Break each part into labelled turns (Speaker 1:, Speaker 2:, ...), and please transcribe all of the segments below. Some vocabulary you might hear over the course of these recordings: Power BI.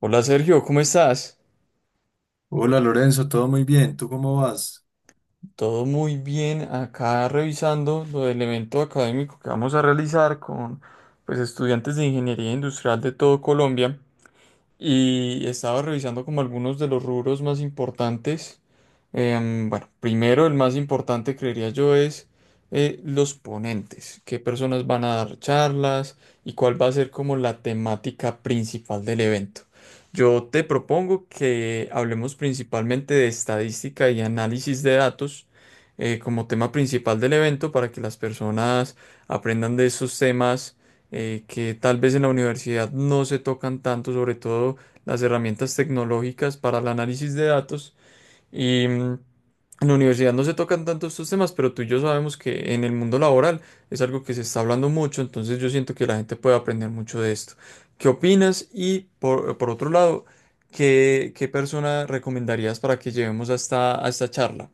Speaker 1: Hola Sergio, ¿cómo estás?
Speaker 2: Hola Lorenzo, todo muy bien, ¿tú cómo vas?
Speaker 1: Todo muy bien, acá revisando lo del evento académico que vamos a realizar con pues estudiantes de ingeniería industrial de todo Colombia. Y estaba revisando como algunos de los rubros más importantes. Bueno, primero el más importante creería yo es los ponentes, qué personas van a dar charlas y cuál va a ser como la temática principal del evento. Yo te propongo que hablemos principalmente de estadística y análisis de datos como tema principal del evento para que las personas aprendan de esos temas que tal vez en la universidad no se tocan tanto, sobre todo las herramientas tecnológicas para el análisis de datos. Y mm, en la universidad no se tocan tanto estos temas, pero tú y yo sabemos que en el mundo laboral es algo que se está hablando mucho, entonces yo siento que la gente puede aprender mucho de esto. ¿Qué opinas? Y por otro lado, ¿qué persona recomendarías para que llevemos hasta esta a esta charla?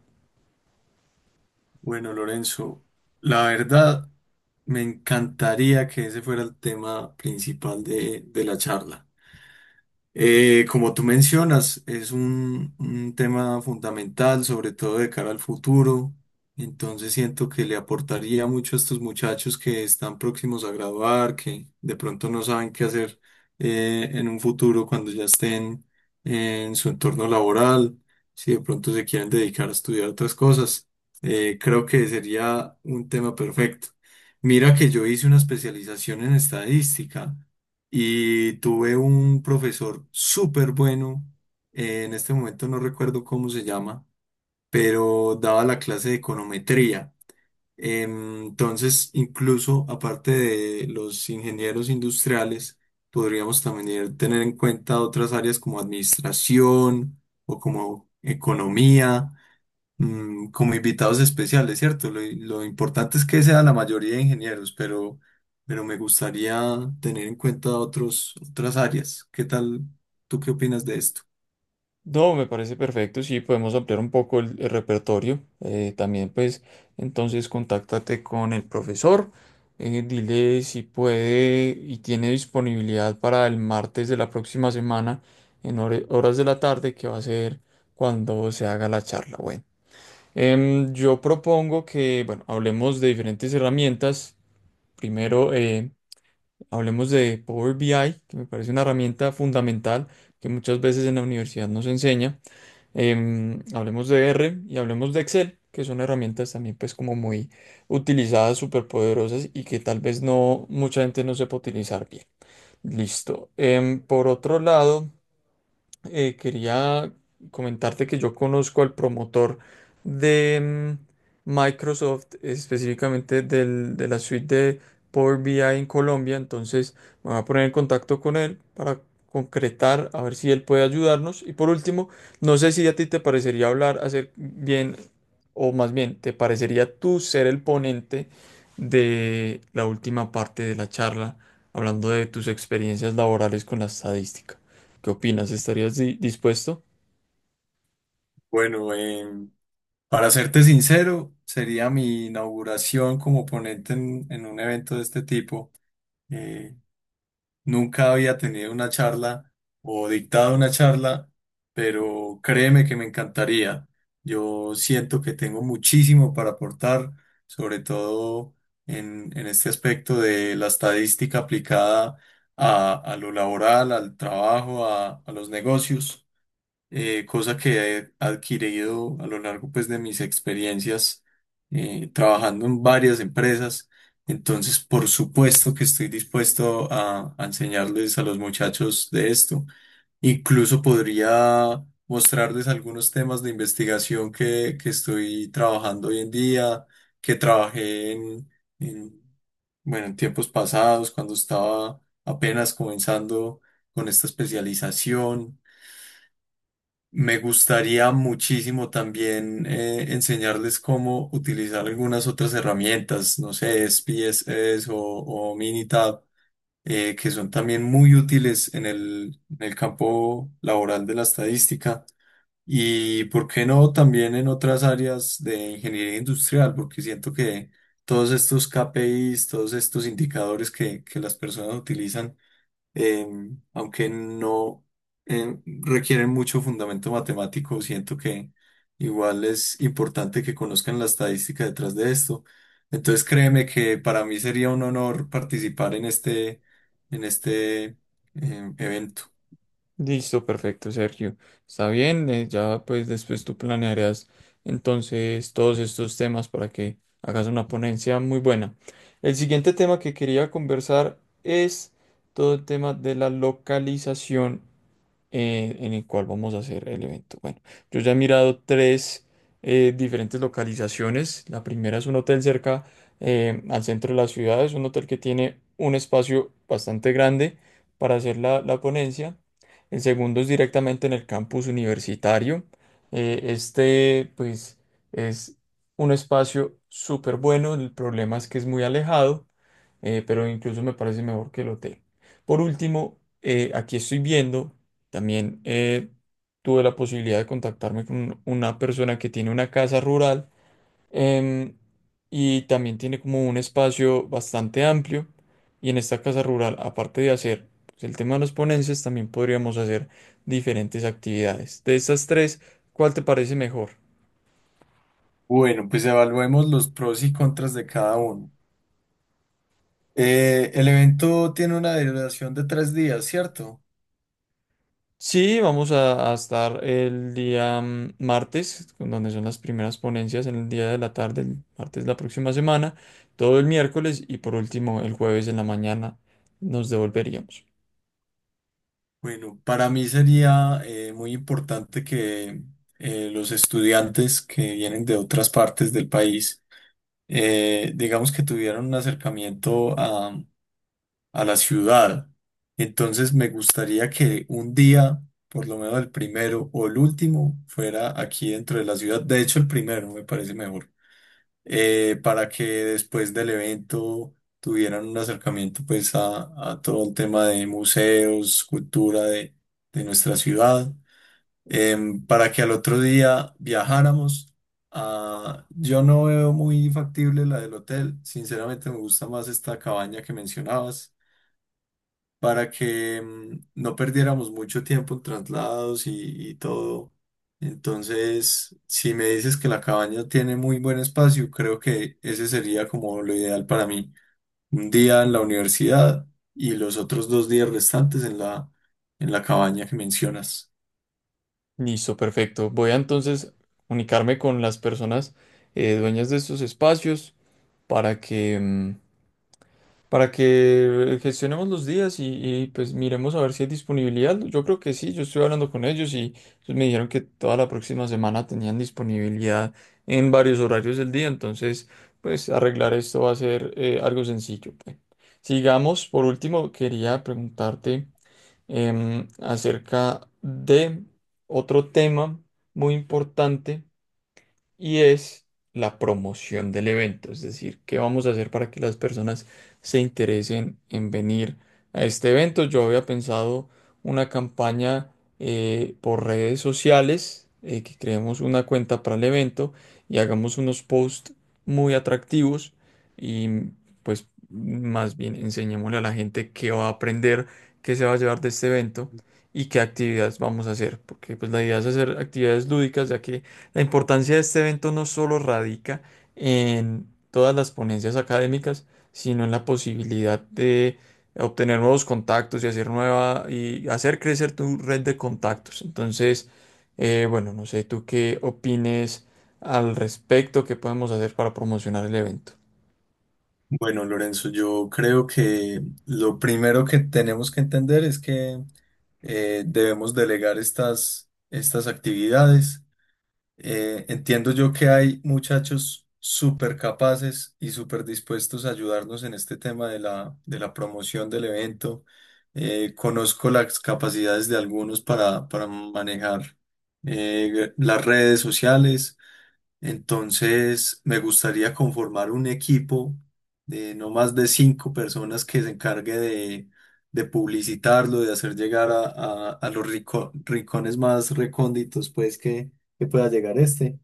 Speaker 2: Bueno, Lorenzo, la verdad me encantaría que ese fuera el tema principal de la charla. Como tú mencionas, es un tema fundamental, sobre todo de cara al futuro. Entonces siento que le aportaría mucho a estos muchachos que están próximos a graduar, que de pronto no saben qué hacer en un futuro cuando ya estén en su entorno laboral, si de pronto se quieren dedicar a estudiar otras cosas. Creo que sería un tema perfecto. Mira que yo hice una especialización en estadística. Y tuve un profesor súper bueno, en este momento no recuerdo cómo se llama, pero daba la clase de econometría. Entonces, incluso aparte de los ingenieros industriales, podríamos también tener en cuenta otras áreas como administración o como economía, como invitados especiales, ¿cierto? Lo importante es que sea la mayoría de ingenieros, pero me gustaría tener en cuenta otros, otras áreas. ¿Qué tal? ¿Tú qué opinas de esto?
Speaker 1: No, me parece perfecto. Sí, podemos ampliar un poco el repertorio. También, pues, entonces, contáctate con el profesor. Dile si puede y tiene disponibilidad para el martes de la próxima semana en horas de la tarde, que va a ser cuando se haga la charla. Bueno, yo propongo que, bueno, hablemos de diferentes herramientas. Primero, hablemos de Power BI, que me parece una herramienta fundamental que muchas veces en la universidad nos enseña. Hablemos de R y hablemos de Excel, que son herramientas también pues como muy utilizadas, súper poderosas y que tal vez no mucha gente no sepa utilizar bien. Listo. Por otro lado quería comentarte que yo conozco al promotor de Microsoft, específicamente de la suite de Power BI en Colombia. Entonces me voy a poner en contacto con él para concretar, a ver si él puede ayudarnos. Y por último, no sé si a ti te parecería hablar, hacer bien, o más bien, ¿te parecería tú ser el ponente de la última parte de la charla, hablando de tus experiencias laborales con la estadística? ¿Qué opinas? ¿Estarías dispuesto?
Speaker 2: Bueno, para serte sincero, sería mi inauguración como ponente en un evento de este tipo. Eh, Nunca había tenido una charla o dictado una charla, pero créeme que me encantaría. Yo siento que tengo muchísimo para aportar, sobre todo en este aspecto de la estadística aplicada a lo laboral, al trabajo, a los negocios, cosa que he adquirido a lo largo pues de mis experiencias trabajando en varias empresas. Entonces, por supuesto que estoy dispuesto a enseñarles a los muchachos de esto. Incluso podría mostrarles algunos temas de investigación que estoy trabajando hoy en día, que trabajé en, bueno, en tiempos pasados, cuando estaba apenas comenzando con esta especialización. Me gustaría muchísimo también enseñarles cómo utilizar algunas otras herramientas, no sé, SPSS o Minitab, que son también muy útiles en el campo laboral de la estadística. Y por qué no también en otras áreas de ingeniería industrial, porque siento que todos estos KPIs, todos estos indicadores que las personas utilizan, eh, aunque no requieren mucho fundamento matemático, siento que igual es importante que conozcan la estadística detrás de esto. Entonces créeme que para mí sería un honor participar en este evento.
Speaker 1: Listo, perfecto, Sergio. Está bien, ya pues después tú planearás entonces todos estos temas para que hagas una ponencia muy buena. El siguiente tema que quería conversar es todo el tema de la localización en el cual vamos a hacer el evento. Bueno, yo ya he mirado tres diferentes localizaciones. La primera es un hotel cerca al centro de la ciudad. Es un hotel que tiene un espacio bastante grande para hacer la ponencia. El segundo es directamente en el campus universitario. Este, pues, es un espacio súper bueno. El problema es que es muy alejado, pero incluso me parece mejor que el hotel. Por último, aquí estoy viendo también tuve la posibilidad de contactarme con una persona que tiene una casa rural em, y también tiene como un espacio bastante amplio. Y en esta casa rural, aparte de hacer pues, el tema de los ponencias, también podríamos hacer diferentes actividades. De estas tres, ¿cuál te parece mejor?
Speaker 2: Bueno, pues evaluemos los pros y contras de cada uno. El evento tiene una duración de tres días, ¿cierto?
Speaker 1: Sí, vamos a estar el día martes, donde son las primeras ponencias, en el día de la tarde, el martes de la próxima semana, todo el miércoles y por último el jueves en la mañana nos devolveríamos.
Speaker 2: Bueno, para mí sería muy importante que los estudiantes que vienen de otras partes del país, digamos que tuvieran un acercamiento a la ciudad. Entonces me gustaría que un día, por lo menos el primero o el último, fuera aquí dentro de la ciudad. De hecho, el primero me parece mejor para que después del evento tuvieran un acercamiento pues a todo el tema de museos, cultura de nuestra ciudad, para que al otro día viajáramos. Ah, yo no veo muy factible la del hotel, sinceramente me gusta más esta cabaña que mencionabas para que no perdiéramos mucho tiempo en traslados y todo. Entonces, si me dices que la cabaña tiene muy buen espacio, creo que ese sería como lo ideal para mí. Un día en la universidad y los otros dos días restantes en la cabaña que mencionas.
Speaker 1: Listo, perfecto. Voy a entonces comunicarme con las personas dueñas de estos espacios para que para que gestionemos los días y, pues miremos a ver si hay disponibilidad. Yo creo que sí, yo estoy hablando con ellos y ellos me dijeron que toda la próxima semana tenían disponibilidad en varios horarios del día, entonces pues arreglar esto va a ser algo sencillo. Pues. Sigamos, por último, quería preguntarte acerca de otro tema muy importante y es la promoción del evento, es decir, qué vamos a hacer para que las personas se interesen en venir a este evento. Yo había pensado una campaña por redes sociales, que creemos una cuenta para el evento y hagamos unos posts muy atractivos y pues más bien enseñémosle a la gente qué va a aprender, qué se va a llevar de este evento. Y qué actividades vamos a hacer, porque pues la idea es hacer actividades lúdicas, ya que la importancia de este evento no solo radica en todas las ponencias académicas, sino en la posibilidad de obtener nuevos contactos y hacer nueva y hacer crecer tu red de contactos. Entonces, bueno, no sé tú qué opines al respecto, qué podemos hacer para promocionar el evento.
Speaker 2: Bueno, Lorenzo, yo creo que lo primero que tenemos que entender es que debemos delegar estas, estas actividades. Entiendo yo que hay muchachos súper capaces y súper dispuestos a ayudarnos en este tema de la promoción del evento. Conozco las capacidades de algunos para manejar las redes sociales. Entonces, me gustaría conformar un equipo de no más de 5 personas que se encargue de publicitarlo, de hacer llegar a, a los rincones más recónditos, pues, que pueda llegar este.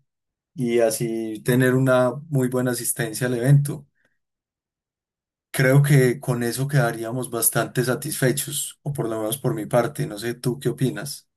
Speaker 2: Y así tener una muy buena asistencia al evento. Creo que con eso quedaríamos bastante satisfechos, o por lo menos por mi parte. No sé, ¿tú qué opinas?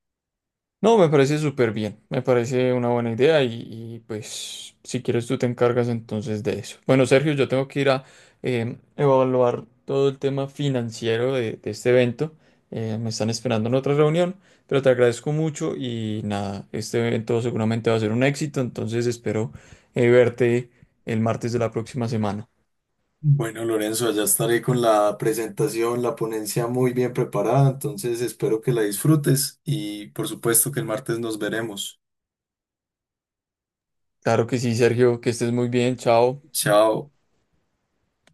Speaker 1: No, me parece súper bien, me parece una buena idea y, pues si quieres tú te encargas entonces de eso. Bueno, Sergio, yo tengo que ir a evaluar todo el tema financiero de este evento. Me están esperando en otra reunión, pero te agradezco mucho y nada, este evento seguramente va a ser un éxito, entonces espero verte el martes de la próxima semana.
Speaker 2: Bueno, Lorenzo, allá estaré con la presentación, la ponencia muy bien preparada, entonces espero que la disfrutes y por supuesto que el martes nos veremos.
Speaker 1: Claro que sí, Sergio, que estés muy bien, chao.
Speaker 2: Chao.